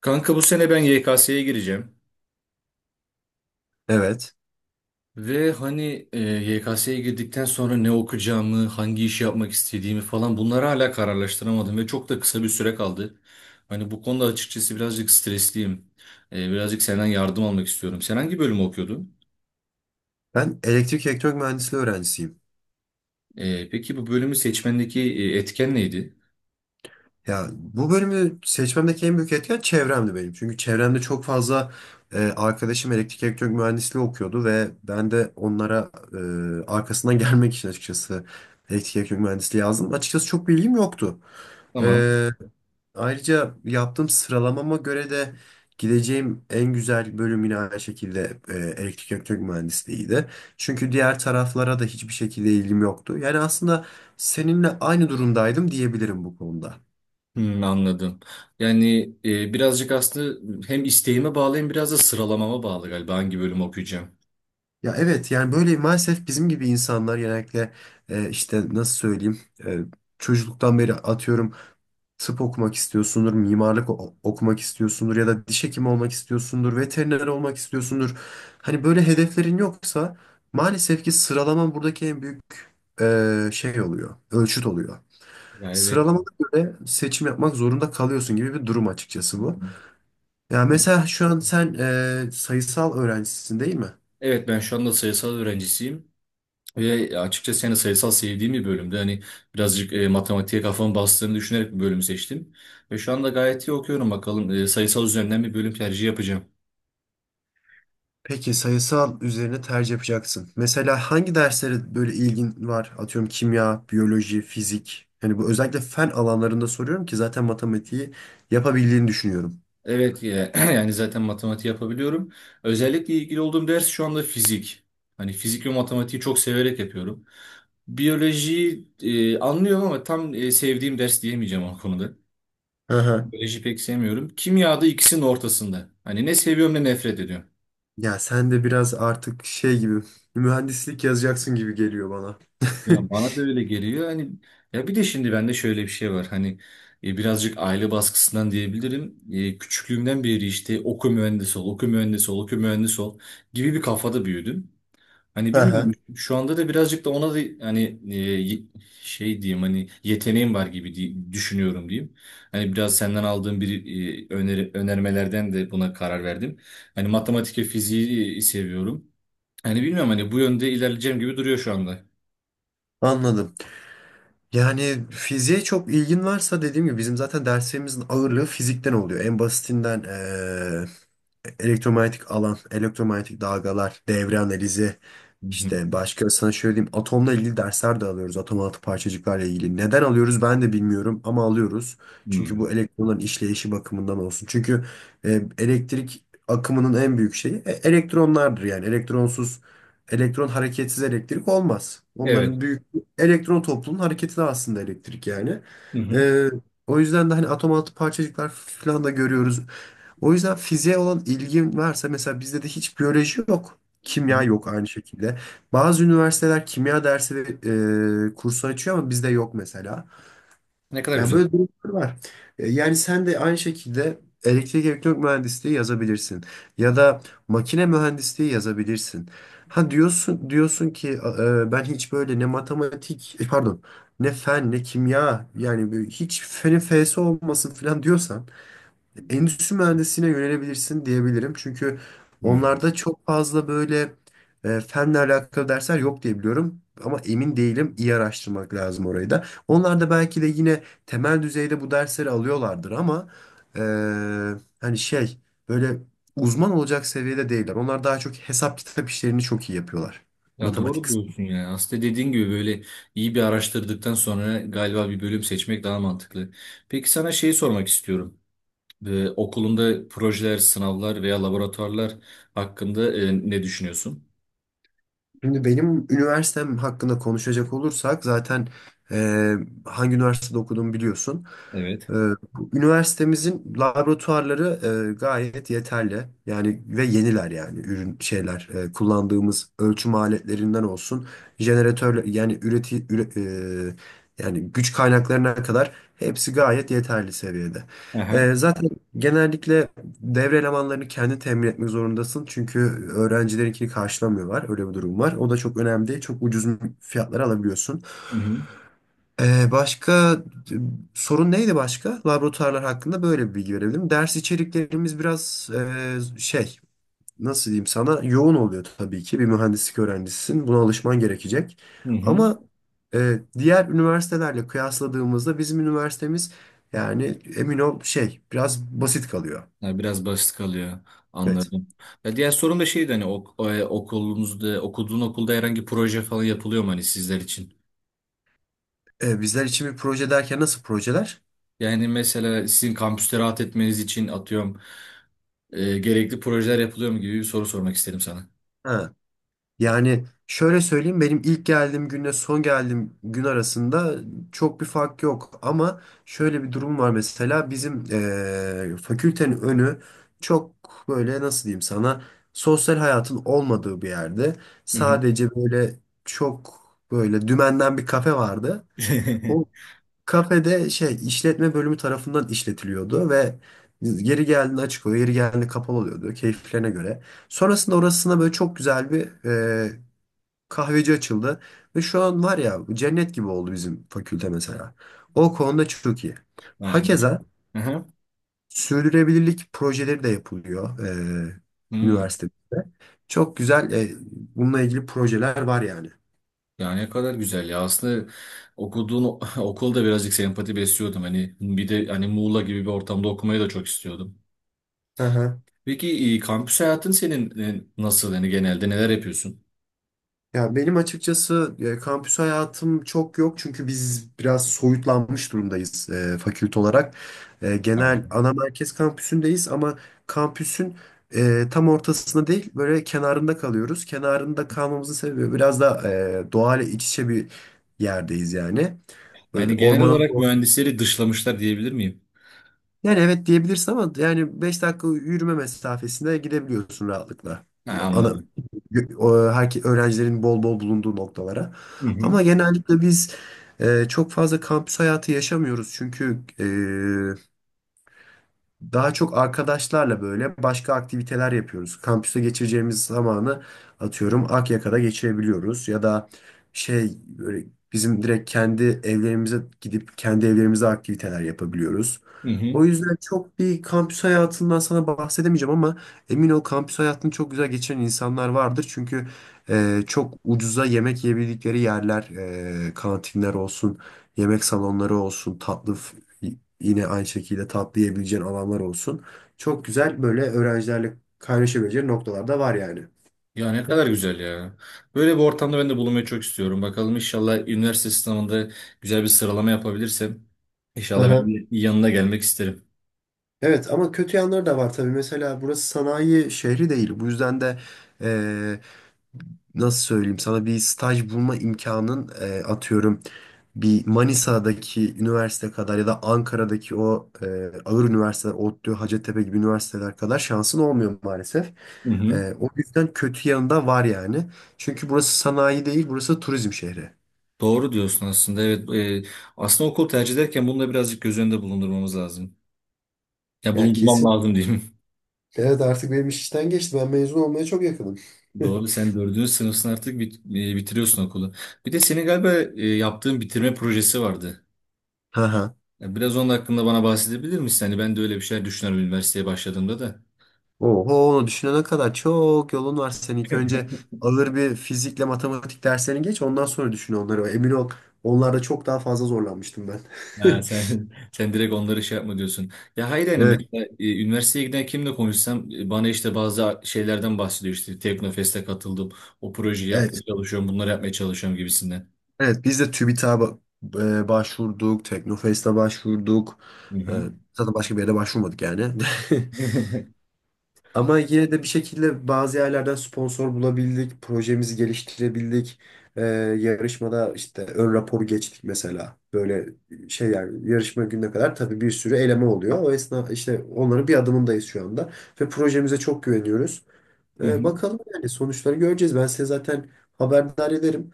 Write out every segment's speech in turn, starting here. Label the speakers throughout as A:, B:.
A: Kanka bu sene ben YKS'ye gireceğim.
B: Evet.
A: Ve hani e, YKS'ye girdikten sonra ne okuyacağımı, hangi işi yapmak istediğimi falan bunları hala kararlaştıramadım ve çok da kısa bir süre kaldı. Hani bu konuda açıkçası birazcık stresliyim. Birazcık senden yardım almak istiyorum. Sen hangi bölümü okuyordun?
B: Ben elektrik elektronik mühendisliği öğrencisiyim.
A: Peki bu bölümü seçmendeki etken neydi?
B: Ya bu bölümü seçmemdeki en büyük etken çevremdi benim. Çünkü çevremde çok fazla arkadaşım elektrik elektronik mühendisliği okuyordu ve ben de onlara arkasından gelmek için açıkçası elektrik elektronik mühendisliği yazdım. Açıkçası çok bilgim yoktu.
A: Tamam.
B: E, Ayrıca yaptığım sıralamama göre de gideceğim en güzel bölüm yine aynı şekilde elektrik elektronik mühendisliğiydi. Çünkü diğer taraflara da hiçbir şekilde ilgim yoktu. Yani aslında seninle aynı durumdaydım diyebilirim bu konuda.
A: Hmm, anladım. Birazcık aslında hem isteğime bağlı hem biraz da sıralamama bağlı galiba hangi bölümü okuyacağım.
B: Ya evet yani böyle maalesef bizim gibi insanlar genellikle işte nasıl söyleyeyim e, çocukluktan beri atıyorum tıp okumak istiyorsundur, okumak istiyorsundur ya da diş hekimi olmak istiyorsundur, veteriner olmak istiyorsundur. Hani böyle hedeflerin yoksa maalesef ki sıralaman buradaki en büyük şey oluyor, ölçüt oluyor.
A: Yani evet.
B: Sıralamana göre seçim yapmak zorunda kalıyorsun gibi bir durum açıkçası bu. Ya mesela şu an sen sayısal öğrencisin değil mi?
A: Evet, ben şu anda sayısal öğrencisiyim ve açıkçası yani sayısal sevdiğim bir bölümde hani birazcık matematiğe kafamı bastığını düşünerek bir bölümü seçtim. Ve şu anda gayet iyi okuyorum. Bakalım, sayısal üzerinden bir bölüm tercihi yapacağım.
B: Peki sayısal üzerine tercih yapacaksın. Mesela hangi derslere böyle ilgin var? Atıyorum kimya, biyoloji, fizik. Hani bu özellikle fen alanlarında soruyorum ki zaten matematiği yapabildiğini düşünüyorum.
A: Evet, yani zaten matematik yapabiliyorum. Özellikle ilgili olduğum ders şu anda fizik. Hani fizik ve matematiği çok severek yapıyorum. Biyolojiyi anlıyorum ama tam sevdiğim ders diyemeyeceğim o konuda.
B: Aha.
A: Biyoloji pek sevmiyorum. Kimyada ikisinin ortasında. Hani ne seviyorum ne nefret ediyorum.
B: Ya sen de biraz artık şey gibi mühendislik yazacaksın gibi geliyor bana.
A: Ya bana da öyle geliyor. Hani ya bir de şimdi bende şöyle bir şey var. Hani, birazcık aile baskısından diyebilirim. Küçüklüğümden beri işte oku mühendis ol, oku mühendis ol, oku mühendis ol gibi bir kafada büyüdüm. Hani bilmiyorum,
B: Aha.
A: şu anda da birazcık da ona da hani şey diyeyim, hani yeteneğim var gibi diye düşünüyorum diyeyim. Hani biraz senden aldığım bir öneri, önermelerden de buna karar verdim. Hani matematik ve fiziği seviyorum. Hani bilmiyorum, hani bu yönde ilerleyeceğim gibi duruyor şu anda.
B: Anladım. Yani fiziğe çok ilgin varsa dediğim gibi bizim zaten derslerimizin ağırlığı fizikten oluyor. En basitinden elektromanyetik alan, elektromanyetik dalgalar, devre analizi,
A: Hı hı.
B: işte başka sana şöyle diyeyim atomla ilgili dersler de alıyoruz. Atom altı parçacıklarla ilgili. Neden alıyoruz ben de bilmiyorum ama alıyoruz. Çünkü bu
A: Hmm.
B: elektronların işleyişi bakımından olsun. Çünkü elektrik akımının en büyük şeyi elektronlardır yani. Elektronsuz, elektron hareketsiz elektrik olmaz.
A: Evet.
B: Onların büyük elektron toplumunun hareketi de aslında elektrik yani.
A: Hı hı.
B: E, O yüzden de hani atom altı parçacıklar falan da görüyoruz. O yüzden fiziğe olan ilgin varsa mesela bizde de hiç biyoloji yok.
A: Hı
B: Kimya
A: hı.
B: yok aynı şekilde. Bazı üniversiteler kimya dersi ve kursu açıyor ama bizde yok mesela.
A: Ne kadar
B: Yani
A: güzel.
B: böyle durumlar var. Yani sen de aynı şekilde elektrik elektronik mühendisliği yazabilirsin. Ya da makine mühendisliği yazabilirsin. Ha diyorsun ki ben hiç böyle ne matematik pardon ne fen ne kimya yani böyle hiç fenin fesi olmasın falan diyorsan endüstri mühendisliğine yönelebilirsin diyebilirim. Çünkü
A: Hı.
B: onlarda çok fazla böyle fenle alakalı dersler yok diye biliyorum. Ama emin değilim. İyi araştırmak lazım orayı da. Onlar da belki de yine temel düzeyde bu dersleri alıyorlardır ama e, hani şey böyle uzman olacak seviyede değiller. Onlar daha çok hesap kitap işlerini çok iyi yapıyorlar.
A: Ya
B: Matematik
A: doğru
B: kısmı.
A: diyorsun ya. Aslında dediğin gibi böyle iyi bir araştırdıktan sonra galiba bir bölüm seçmek daha mantıklı. Peki sana şeyi sormak istiyorum. Okulunda projeler, sınavlar veya laboratuvarlar hakkında ne düşünüyorsun?
B: Şimdi benim üniversitem hakkında konuşacak olursak zaten e, hangi üniversitede okuduğumu biliyorsun.
A: Evet.
B: Ee, bu üniversitemizin laboratuvarları gayet yeterli. Yani ve yeniler yani ürün şeyler kullandığımız ölçüm aletlerinden olsun jeneratörler yani yani güç kaynaklarına kadar hepsi gayet yeterli seviyede.
A: Aha.
B: Zaten genellikle devre elemanlarını kendi temin etmek zorundasın çünkü öğrencilerinkini karşılamıyorlar. Öyle bir durum var. O da çok önemli değil. Çok ucuz fiyatlara alabiliyorsun.
A: Hı hı.
B: Başka e, sorun neydi başka? Laboratuvarlar hakkında böyle bir bilgi verebilirim. Ders içeriklerimiz biraz şey nasıl diyeyim sana yoğun oluyor tabii ki. Bir mühendislik öğrencisisin. Buna alışman gerekecek.
A: Hı hı.
B: Ama diğer üniversitelerle kıyasladığımızda bizim üniversitemiz yani emin ol şey biraz basit kalıyor.
A: Ya biraz basit kalıyor.
B: Evet.
A: Anladım. Ya diğer sorum da şeydi, hani okulunuzda, okuduğun okulda herhangi proje falan yapılıyor mu hani sizler için?
B: Bizler için bir proje derken nasıl projeler?
A: Yani mesela sizin kampüste rahat etmeniz için atıyorum gerekli projeler yapılıyor mu gibi bir soru sormak istedim sana.
B: Ha. Yani şöyle söyleyeyim benim ilk geldiğim günle son geldiğim gün arasında çok bir fark yok ama şöyle bir durum var mesela bizim fakültenin önü çok böyle nasıl diyeyim sana sosyal hayatın olmadığı bir yerde
A: Hı hı.
B: sadece böyle çok böyle dümenden bir kafe vardı. O kafede şey işletme bölümü tarafından işletiliyordu ve yeri geldiğinde açık oluyor, yeri geldiğinde kapalı oluyordu keyiflerine göre. Sonrasında orasına böyle çok güzel bir kahveci açıldı. Ve şu an var ya cennet gibi oldu bizim fakülte mesela. O konuda çok iyi.
A: Yani.
B: Hakeza
A: Aha.
B: sürdürülebilirlik projeleri de yapılıyor e,
A: Hmm.
B: üniversitede. Çok güzel bununla ilgili projeler var yani.
A: Yani ne kadar güzel ya. Aslında okulda birazcık sempati besliyordum. Hani bir de hani Muğla gibi bir ortamda okumayı da çok istiyordum.
B: Hı hı.
A: Peki, kampüs hayatın senin nasıl? Yani genelde neler yapıyorsun?
B: Ya benim açıkçası kampüs hayatım çok yok çünkü biz biraz soyutlanmış durumdayız fakülte olarak.
A: Ha.
B: Genel ana merkez kampüsündeyiz ama kampüsün tam ortasında değil böyle kenarında kalıyoruz. Kenarında kalmamızın sebebi biraz da doğayla iç içe bir yerdeyiz yani. Böyle
A: Yani
B: evet.
A: genel olarak mühendisleri dışlamışlar diyebilir miyim?
B: Yani evet diyebilirsin ama yani 5 dakika yürüme mesafesinde gidebiliyorsun rahatlıkla.
A: Ha,
B: Ya ana,
A: anladım.
B: öğrencilerin bol bol bulunduğu noktalara.
A: Hı hı.
B: Ama genellikle biz çok fazla kampüs hayatı yaşamıyoruz. Çünkü daha çok arkadaşlarla böyle başka aktiviteler yapıyoruz. Kampüste geçireceğimiz zamanı atıyorum Akyaka'da geçirebiliyoruz ya da şey böyle bizim direkt kendi evlerimize gidip kendi evlerimize aktiviteler yapabiliyoruz.
A: Hı hı.
B: O yüzden çok bir kampüs hayatından sana bahsedemeyeceğim ama emin ol kampüs hayatını çok güzel geçiren insanlar vardır. Çünkü çok ucuza yemek yiyebildikleri yerler, kantinler olsun, yemek salonları olsun, yine aynı şekilde tatlı alanlar olsun. Çok güzel böyle öğrencilerle kaynaşabileceğin noktalar da var yani.
A: Ya ne kadar güzel ya. Böyle bir ortamda ben de bulunmayı çok istiyorum. Bakalım, inşallah üniversite sınavında güzel bir sıralama yapabilirsem inşallah
B: Aha.
A: ben de yanına gelmek isterim.
B: Evet ama kötü yanları da var tabii. Mesela burası sanayi şehri değil. Bu yüzden de nasıl söyleyeyim sana bir staj bulma imkanın atıyorum bir Manisa'daki üniversite kadar ya da Ankara'daki o ağır üniversiteler ODTÜ, Hacettepe gibi üniversiteler kadar şansın olmuyor maalesef.
A: Hı hı.
B: O yüzden kötü yanında var yani. Çünkü burası sanayi değil, burası turizm şehri.
A: Doğru diyorsun aslında. Evet, e, aslında okul tercih ederken bunu da birazcık göz önünde bulundurmamız lazım. Ya
B: Ya
A: bulundurmam
B: kesin.
A: lazım diyeyim.
B: Evet artık benim iş işten geçti. Ben mezun olmaya çok yakınım.
A: Doğru, sen dördüncü sınıfsın artık, bitiriyorsun okulu. Bir de senin galiba yaptığın bitirme projesi vardı. Ya biraz onun hakkında bana bahsedebilir misin? Hani ben de öyle bir şeyler düşünüyorum üniversiteye başladığımda da.
B: Oho onu düşünene kadar çok yolun var senin. İlk önce alır bir fizikle matematik derslerini geç ondan sonra düşün onları. Emin ol onlarda çok daha fazla zorlanmıştım ben.
A: Ha, sen sen direkt onları şey yapma diyorsun. Ya hayır, yani
B: Evet,
A: mesela üniversiteye giden kimle konuşsam bana işte bazı şeylerden bahsediyor, işte Teknofest'e katıldım. O projeyi yapmaya
B: evet,
A: çalışıyorum, bunları yapmaya çalışıyorum gibisinden.
B: evet. Biz de TÜBİTAK'a başvurduk, Teknofest'e başvurduk.
A: Hı
B: E,
A: hı.
B: Zaten başka bir yere başvurmadık yani. Ama yine de bir şekilde bazı yerlerden sponsor bulabildik, projemizi geliştirebildik. Ee, yarışmada işte ön raporu geçtik mesela. Böyle şey yani yarışma gününe kadar tabii bir sürü eleme oluyor. O esna işte onların bir adımındayız şu anda. Ve projemize çok güveniyoruz.
A: Hı hı.
B: Bakalım yani sonuçları göreceğiz. Ben size zaten haberdar ederim.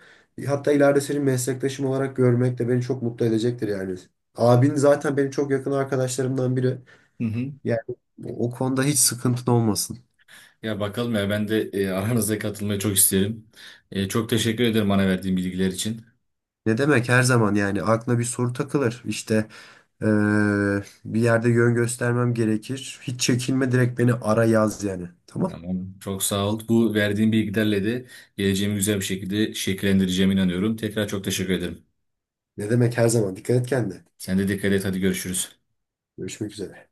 B: Hatta ileride senin meslektaşım olarak görmek de beni çok mutlu edecektir yani. Abin zaten benim çok yakın arkadaşlarımdan biri.
A: Hı hı.
B: Yani o konuda hiç sıkıntın olmasın.
A: Ya bakalım ya, ben de aranıza katılmayı çok isterim. Çok teşekkür ederim bana verdiğin bilgiler için.
B: Ne demek her zaman yani aklına bir soru takılır. İşte eee, bir yerde yön göstermem gerekir. Hiç çekinme direkt beni ara yaz yani. Tamam.
A: Tamam. Çok sağ ol. Bu verdiğin bilgilerle de geleceğimi güzel bir şekilde şekillendireceğime inanıyorum. Tekrar çok teşekkür ederim.
B: Ne demek her zaman. Dikkat et kendine.
A: Sen de dikkat et. Hadi görüşürüz.
B: Görüşmek üzere.